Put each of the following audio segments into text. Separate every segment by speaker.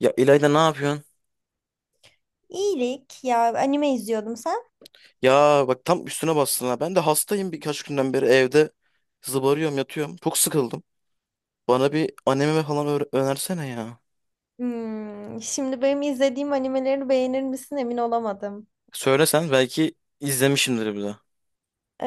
Speaker 1: Ya İlayda ne yapıyorsun?
Speaker 2: İyilik ya, anime izliyordum. Sen?
Speaker 1: Ya bak tam üstüne bastın ha. Ben de hastayım birkaç günden beri evde zıbarıyorum yatıyorum. Çok sıkıldım. Bana bir anime falan önersene ya.
Speaker 2: Hmm, şimdi benim izlediğim animeleri beğenir misin emin olamadım.
Speaker 1: Söylesen belki izlemişimdir bir de.
Speaker 2: Ee,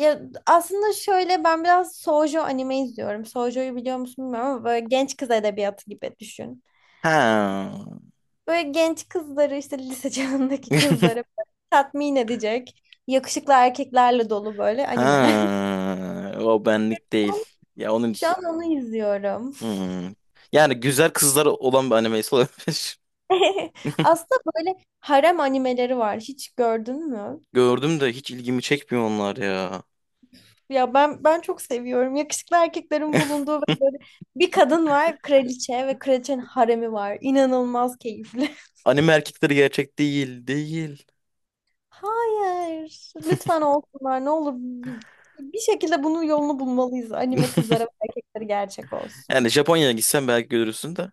Speaker 2: ya aslında şöyle ben biraz Shoujo anime izliyorum. Shoujo'yu biliyor musun bilmiyorum ama böyle genç kız edebiyatı gibi düşün.
Speaker 1: Ha.
Speaker 2: Böyle genç kızları işte lise çağındaki kızları böyle tatmin edecek yakışıklı erkeklerle dolu böyle animeler.
Speaker 1: Ha. O benlik değil. Ya onun
Speaker 2: Şu
Speaker 1: için-
Speaker 2: an onu izliyorum.
Speaker 1: Hmm. Yani güzel kızlar olan bir animesi olabilir.
Speaker 2: Aslında böyle harem animeleri var. Hiç gördün mü?
Speaker 1: Gördüm de hiç ilgimi çekmiyor onlar ya.
Speaker 2: Ya ben çok seviyorum. Yakışıklı erkeklerin bulunduğu ve böyle bir kadın var, kraliçe ve kraliçenin haremi var. İnanılmaz keyifli.
Speaker 1: Anime erkekleri gerçek değil, değil.
Speaker 2: Hayır. Lütfen olsunlar. Ne olur bir şekilde bunun yolunu bulmalıyız. Anime kızlara ve erkekleri gerçek olsun.
Speaker 1: Yani Japonya'ya gitsen belki görürsün de.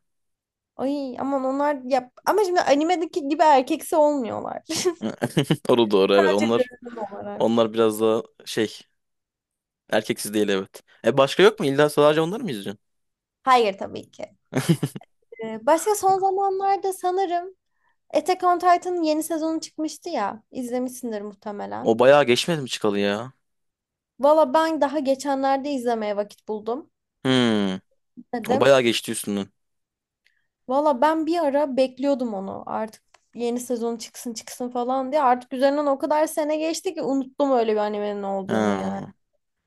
Speaker 2: Ay aman onlar ya ama şimdi animedeki gibi erkeksi olmuyorlar.
Speaker 1: Doğru doğru evet.
Speaker 2: Sadece
Speaker 1: Onlar
Speaker 2: görünüm olarak.
Speaker 1: onlar biraz daha şey erkeksiz değil evet. E başka yok mu? İlla sadece onları mı izliyorsun?
Speaker 2: Hayır tabii ki. Başka son zamanlarda sanırım Attack on Titan'ın yeni sezonu çıkmıştı ya. İzlemişsindir muhtemelen.
Speaker 1: O bayağı geçmedi mi çıkalı ya?
Speaker 2: Valla ben daha geçenlerde izlemeye vakit buldum
Speaker 1: Hmm. O
Speaker 2: dedim.
Speaker 1: bayağı geçti üstünden.
Speaker 2: Valla ben bir ara bekliyordum onu artık yeni sezon çıksın çıksın falan diye. Artık üzerinden o kadar sene geçti ki unuttum öyle bir animenin olduğunu yani.
Speaker 1: Ha.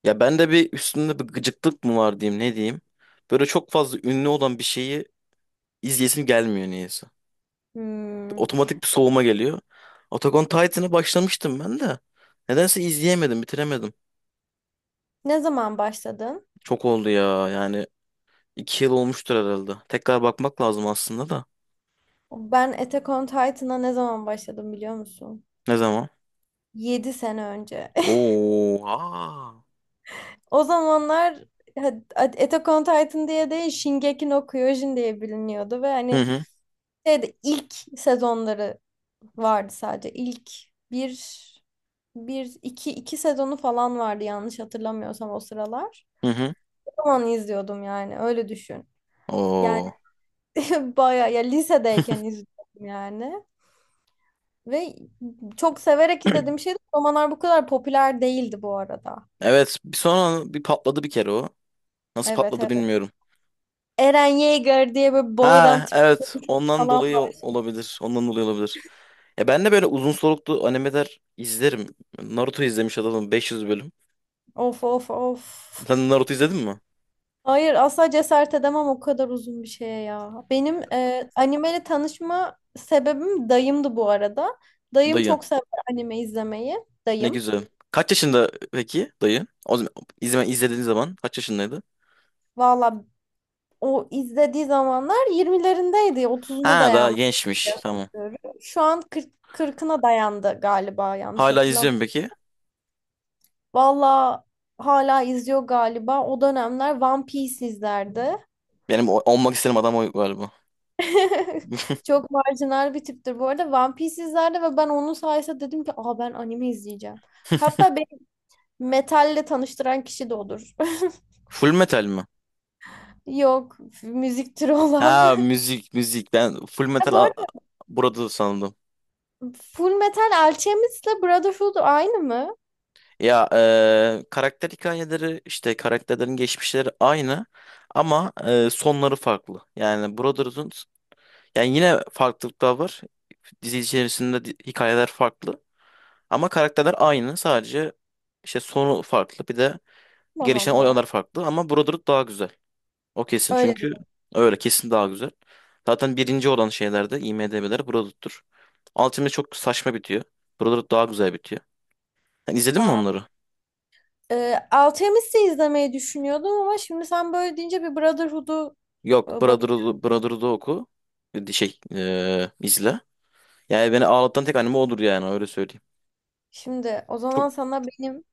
Speaker 1: Ya ben de bir üstünde bir gıcıklık mı var diyeyim ne diyeyim. Böyle çok fazla ünlü olan bir şeyi izleyesim gelmiyor niyeyse. Bir
Speaker 2: Hmm.
Speaker 1: otomatik bir soğuma geliyor. Attack on Titan'a başlamıştım ben de. Nedense izleyemedim, bitiremedim.
Speaker 2: Ne zaman başladın?
Speaker 1: Çok oldu ya yani. 2 yıl olmuştur herhalde. Tekrar bakmak lazım aslında da.
Speaker 2: Ben Attack on Titan'a ne zaman başladım biliyor musun?
Speaker 1: Ne zaman?
Speaker 2: 7 sene önce.
Speaker 1: Oo, aa.
Speaker 2: O zamanlar Attack on Titan diye değil Shingeki no Kyojin diye biliniyordu ve
Speaker 1: Hı
Speaker 2: hani
Speaker 1: hı,
Speaker 2: şeyde ilk sezonları vardı sadece. İlk bir, bir, iki sezonu falan vardı yanlış hatırlamıyorsam o sıralar.
Speaker 1: hı hı.
Speaker 2: O zaman izliyordum yani öyle düşün. Yani
Speaker 1: Oo.
Speaker 2: bayağı ya lisedeyken izliyordum yani. Ve çok severek izlediğim şeydi. Romanlar bu kadar popüler değildi bu arada.
Speaker 1: Evet, bir sonra bir patladı bir kere o. Nasıl
Speaker 2: Evet,
Speaker 1: patladı
Speaker 2: evet.
Speaker 1: bilmiyorum.
Speaker 2: Eren Yeager diye böyle bağıran
Speaker 1: Ha,
Speaker 2: tip
Speaker 1: evet. Ondan
Speaker 2: falan
Speaker 1: dolayı
Speaker 2: var.
Speaker 1: olabilir. Ondan dolayı olabilir. Ya ben de böyle uzun soluklu animeler izlerim. Naruto izlemiş adamım 500 bölüm.
Speaker 2: Of of
Speaker 1: Sen
Speaker 2: of.
Speaker 1: Naruto izledin mi?
Speaker 2: Hayır asla cesaret edemem o kadar uzun bir şeye ya. Benim animeyle tanışma sebebim dayımdı bu arada. Dayım
Speaker 1: Dayı.
Speaker 2: çok sever anime izlemeyi.
Speaker 1: Ne
Speaker 2: Dayım.
Speaker 1: güzel. Kaç yaşında peki dayı? O zaman izlediğin zaman kaç yaşındaydı?
Speaker 2: Valla o izlediği zamanlar 20'lerindeydi. 30'una
Speaker 1: Ha, daha
Speaker 2: dayanmış.
Speaker 1: gençmiş. Tamam.
Speaker 2: Şu an 40, 40'ına dayandı galiba yanlış
Speaker 1: Hala
Speaker 2: hatırlamıyorum.
Speaker 1: izliyorum peki.
Speaker 2: Valla hala izliyor galiba. O dönemler One Piece izlerdi.
Speaker 1: Benim olmak istediğim adam o galiba.
Speaker 2: Çok marjinal bir tiptir. Bu arada One Piece izlerdi ve ben onun sayesinde dedim ki aa ben anime izleyeceğim. Hatta beni metalle tanıştıran kişi de odur.
Speaker 1: Full metal mi?
Speaker 2: Yok, müzik türü olan.
Speaker 1: Ha müzik müzik ben Full
Speaker 2: Ha,
Speaker 1: Metal
Speaker 2: bu arada
Speaker 1: burada sandım.
Speaker 2: Full Metal Alchemist'le Brotherhood aynı mı?
Speaker 1: Ya karakter hikayeleri işte karakterlerin geçmişleri aynı ama sonları farklı. Yani Brotherhood'un yani yine farklılıklar var. Dizi içerisinde hikayeler farklı ama karakterler aynı sadece işte sonu farklı bir de
Speaker 2: Allah
Speaker 1: gelişen
Speaker 2: Allah.
Speaker 1: olaylar farklı ama Brotherhood daha güzel. O kesin
Speaker 2: Öyle.
Speaker 1: çünkü öyle kesin daha güzel. Zaten birinci olan şeylerde IMDb'ler Brotherhood'dur. Ultimate çok saçma bitiyor. Brotherhood daha güzel bitiyor. Yani izledin mi
Speaker 2: Aa,
Speaker 1: onları?
Speaker 2: Alchemist'i izlemeyi düşünüyordum ama şimdi sen böyle deyince bir Brotherhood'u
Speaker 1: Yok
Speaker 2: bak.
Speaker 1: Brotherhood'u oku. İzle. Yani beni ağlatan tek anime odur yani öyle söyleyeyim.
Speaker 2: Şimdi o
Speaker 1: Çok
Speaker 2: zaman sana benim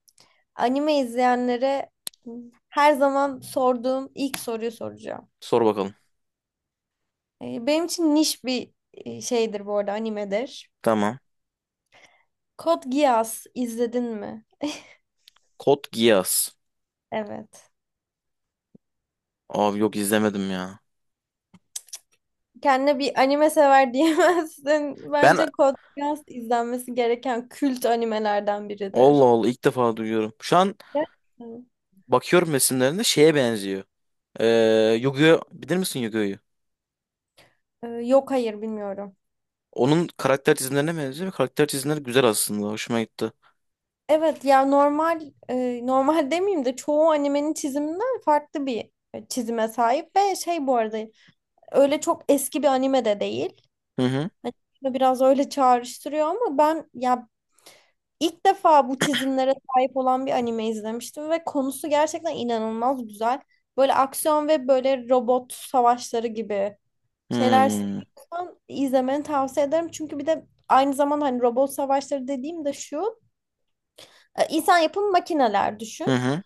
Speaker 2: anime izleyenlere her zaman sorduğum ilk soruyu soracağım.
Speaker 1: sor bakalım.
Speaker 2: Benim için niş bir şeydir bu arada animedir.
Speaker 1: Tamam.
Speaker 2: Code Geass izledin mi?
Speaker 1: Code Geass.
Speaker 2: Evet.
Speaker 1: Abi yok izlemedim ya.
Speaker 2: Kendine bir anime sever diyemezsin.
Speaker 1: Ben
Speaker 2: Bence Code Geass izlenmesi gereken kült animelerden
Speaker 1: Allah
Speaker 2: biridir.
Speaker 1: Allah ilk defa duyuyorum. Şu an
Speaker 2: Gerçekten.
Speaker 1: bakıyorum resimlerinde şeye benziyor. Yu-Gi-Oh! Bilir misin yu
Speaker 2: Yok hayır bilmiyorum.
Speaker 1: Onun karakter çizimlerine benziyor ve karakter çizimleri güzel aslında. Hoşuma gitti.
Speaker 2: Evet ya normal normal demeyeyim de çoğu animenin çiziminden farklı bir çizime sahip ve şey bu arada öyle çok eski bir anime de değil.
Speaker 1: Hı hı.
Speaker 2: Hani aslında biraz öyle çağrıştırıyor ama ben ya. İlk defa bu çizimlere sahip olan bir anime izlemiştim ve konusu gerçekten inanılmaz güzel. Böyle aksiyon ve böyle robot savaşları gibi şeyler
Speaker 1: Hmm.
Speaker 2: seviyorsan izlemeni tavsiye ederim. Çünkü bir de aynı zamanda hani robot savaşları dediğim de şu, insan yapımı makineler
Speaker 1: Hı
Speaker 2: düşün.
Speaker 1: hı.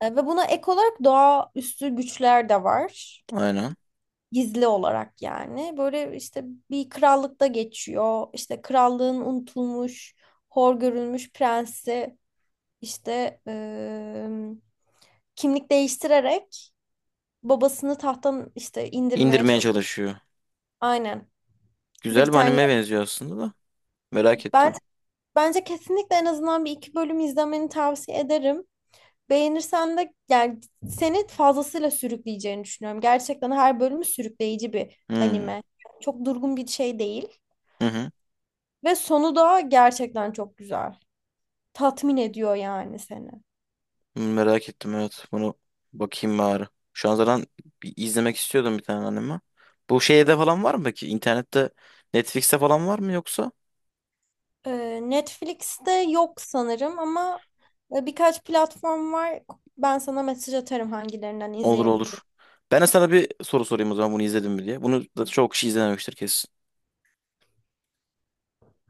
Speaker 2: Ve buna ek olarak doğaüstü güçler de var.
Speaker 1: Aynen.
Speaker 2: Gizli olarak yani. Böyle işte bir krallıkta geçiyor. İşte krallığın unutulmuş, hor görülmüş prensi İşte kimlik değiştirerek babasını tahttan işte indirmeye
Speaker 1: İndirmeye
Speaker 2: çalışıyor.
Speaker 1: çalışıyor.
Speaker 2: Aynen.
Speaker 1: Güzel bir anime
Speaker 2: Britanya.
Speaker 1: benziyor aslında da. Merak
Speaker 2: Ben
Speaker 1: ettim.
Speaker 2: bence kesinlikle en azından bir iki bölüm izlemeni tavsiye ederim. Beğenirsen de yani seni fazlasıyla sürükleyeceğini düşünüyorum. Gerçekten her bölümü sürükleyici bir
Speaker 1: Hmm.
Speaker 2: anime. Çok durgun bir şey değil.
Speaker 1: Hı hı.
Speaker 2: Ve sonu da gerçekten çok güzel. Tatmin ediyor yani seni.
Speaker 1: Merak ettim evet. Bunu bakayım bari. Şu an zaten bir izlemek istiyordum bir tane anime. Bu şeyde falan var mı peki? İnternette Netflix'te falan var mı yoksa?
Speaker 2: Netflix'te yok sanırım ama birkaç platform var. Ben sana mesaj atarım hangilerinden
Speaker 1: Olur olur.
Speaker 2: izleyebilecek.
Speaker 1: Ben de sana bir soru sorayım o zaman bunu izledim mi diye. Bunu da çok kişi izlememiştir kesin.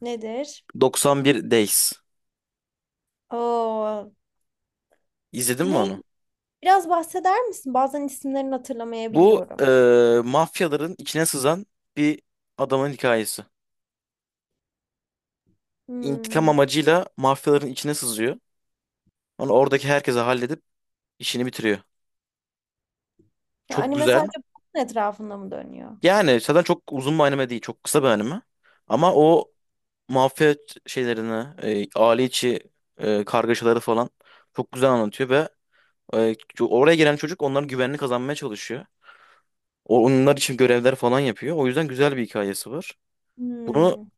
Speaker 2: Nedir?
Speaker 1: 91 Days.
Speaker 2: Oo,
Speaker 1: İzledin mi
Speaker 2: ne?
Speaker 1: onu?
Speaker 2: Biraz bahseder misin? Bazen isimlerini
Speaker 1: Bu
Speaker 2: hatırlamayabiliyorum.
Speaker 1: mafyaların içine sızan bir adamın hikayesi. İntikam
Speaker 2: Hmm.
Speaker 1: amacıyla mafyaların içine sızıyor. Onu oradaki herkese halledip işini bitiriyor. Çok
Speaker 2: Yani mesela
Speaker 1: güzel.
Speaker 2: bunun etrafında mı dönüyor?
Speaker 1: Yani zaten çok uzun bir anime değil. Çok kısa bir anime. Ama
Speaker 2: Hı.
Speaker 1: o mafya şeylerini, aile içi kargaşaları falan çok güzel anlatıyor ve e, oraya gelen çocuk onların güvenini kazanmaya çalışıyor. O, onlar için görevler falan yapıyor. O yüzden güzel bir hikayesi var. Bunu
Speaker 2: Hmm.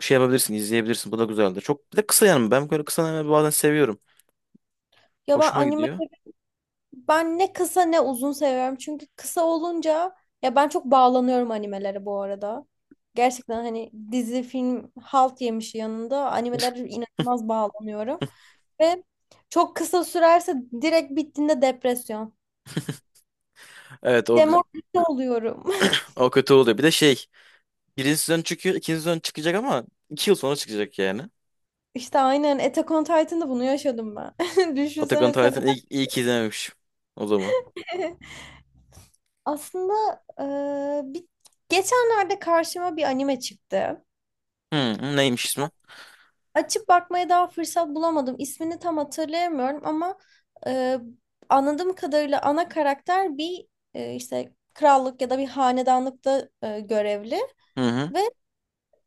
Speaker 1: şey yapabilirsin, izleyebilirsin. Bu da güzeldir. Çok bir de kısa yani ben böyle kısa anime bazen seviyorum.
Speaker 2: Ya
Speaker 1: Hoşuma gidiyor.
Speaker 2: ben ne kısa ne uzun seviyorum. Çünkü kısa olunca ya ben çok bağlanıyorum animelere bu arada. Gerçekten hani dizi, film halt yemiş yanında animelere inanılmaz bağlanıyorum. Ve çok kısa sürerse direkt bittiğinde depresyon.
Speaker 1: Evet
Speaker 2: Demoralize oluyorum.
Speaker 1: o kötü oluyor. Bir de şey birinci sezon çıkıyor, ikinci sezon çıkacak ama 2 yıl sonra çıkacak yani.
Speaker 2: İşte aynen Attack on Titan'da bunu yaşadım ben.
Speaker 1: Attack on
Speaker 2: Düşünsene sen.
Speaker 1: Titan'ı iyi, iyi ki izlememiş o zaman.
Speaker 2: Aslında e, bir, geçenlerde karşıma bir anime çıktı.
Speaker 1: Hı, hı, neymiş ismi?
Speaker 2: Açıp bakmaya daha fırsat bulamadım. İsmini tam hatırlayamıyorum ama e, anladığım kadarıyla ana karakter bir işte krallık ya da bir hanedanlıkta görevli
Speaker 1: Hı hı.
Speaker 2: ve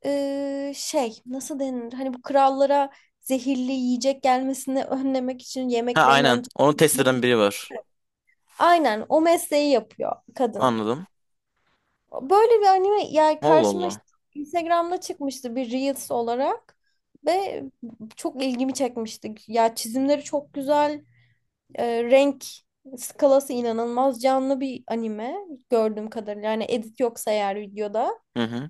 Speaker 2: şey nasıl denir? Hani bu krallara zehirli yiyecek gelmesini önlemek için
Speaker 1: Ha
Speaker 2: yemeklerin
Speaker 1: aynen.
Speaker 2: önce.
Speaker 1: Onu test eden biri var.
Speaker 2: Aynen, o mesleği yapıyor kadın.
Speaker 1: Anladım.
Speaker 2: Böyle bir anime yani
Speaker 1: Allah
Speaker 2: karşıma işte
Speaker 1: Allah.
Speaker 2: Instagram'da çıkmıştı bir Reels olarak ve çok ilgimi çekmişti. Ya çizimleri çok güzel, renk skalası inanılmaz canlı bir anime gördüğüm kadarıyla. Yani edit yoksa eğer videoda.
Speaker 1: Hı hı.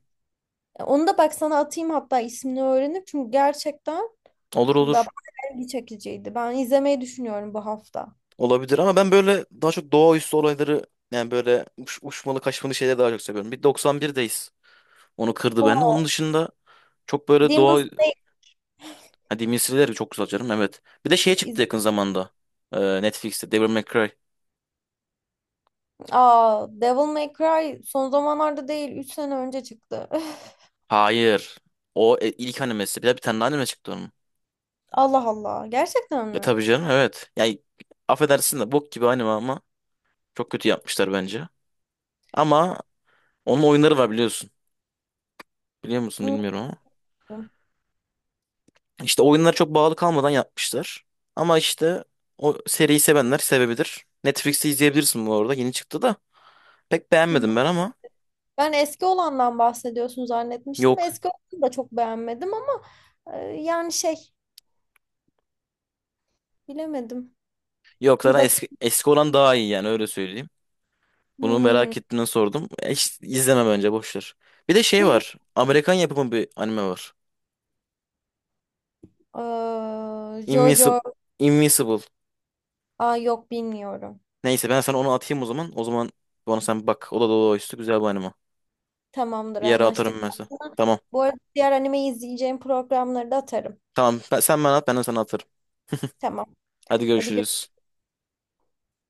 Speaker 2: Onu da bak sana atayım hatta ismini öğrenip çünkü gerçekten
Speaker 1: Olur olur.
Speaker 2: bayağı ilgi çekiciydi. Ben izlemeyi düşünüyorum bu hafta.
Speaker 1: Olabilir ama ben böyle daha çok doğaüstü olayları yani böyle uçmalı kaçmalı şeyleri daha çok seviyorum. Bir 91'deyiz. Onu kırdı bende.
Speaker 2: O.
Speaker 1: Onun dışında çok böyle
Speaker 2: Demon
Speaker 1: doğa Ha, Demon Slayer çok güzel canım evet. Bir de şey
Speaker 2: Slayer.
Speaker 1: çıktı yakın zamanda. Netflix'te Devil May Cry.
Speaker 2: Aa, Devil May Cry son zamanlarda değil, 3 sene önce çıktı. Öf,
Speaker 1: Hayır. O ilk animesi. Bir de bir tane daha anime çıktı onun.
Speaker 2: Allah Allah, gerçekten
Speaker 1: E
Speaker 2: mi?
Speaker 1: tabii canım evet. Yani affedersin de bok gibi anime ama çok kötü yapmışlar bence. Ama onun oyunları var biliyorsun. Biliyor musun bilmiyorum ama.
Speaker 2: Unuttum.
Speaker 1: İşte oyunlar çok bağlı kalmadan yapmışlar. Ama işte o seriyi sevenler sevebilir. Netflix'te izleyebilirsin bu arada. Yeni çıktı da. Pek
Speaker 2: Bir
Speaker 1: beğenmedim
Speaker 2: bak-
Speaker 1: ben ama.
Speaker 2: Ben eski olandan bahsediyorsun zannetmiştim.
Speaker 1: Yok.
Speaker 2: Eski olanı da çok beğenmedim ama yani şey bilemedim.
Speaker 1: Yok
Speaker 2: Bir
Speaker 1: zaten
Speaker 2: bak.
Speaker 1: eski, eski olan daha iyi yani öyle söyleyeyim. Bunu
Speaker 2: Hmm.
Speaker 1: merak ettiğinden sordum. E, hiç izleme bence boş ver. Bir de şey var. Amerikan yapımı bir anime var. Invincible.
Speaker 2: Jojo.
Speaker 1: Invincible.
Speaker 2: Aa, yok bilmiyorum.
Speaker 1: Neyse ben sana onu atayım o zaman. O zaman onu sen bak. O da dolu üstü güzel bir anime.
Speaker 2: Tamamdır,
Speaker 1: Bir yere
Speaker 2: anlaştık.
Speaker 1: atarım ben sana.
Speaker 2: Sana.
Speaker 1: Tamam.
Speaker 2: Bu arada diğer animeyi izleyeceğim programları da atarım.
Speaker 1: Tamam. Sen bana at ben de sana atarım.
Speaker 2: Tamam.
Speaker 1: Hadi
Speaker 2: Hadi
Speaker 1: görüşürüz.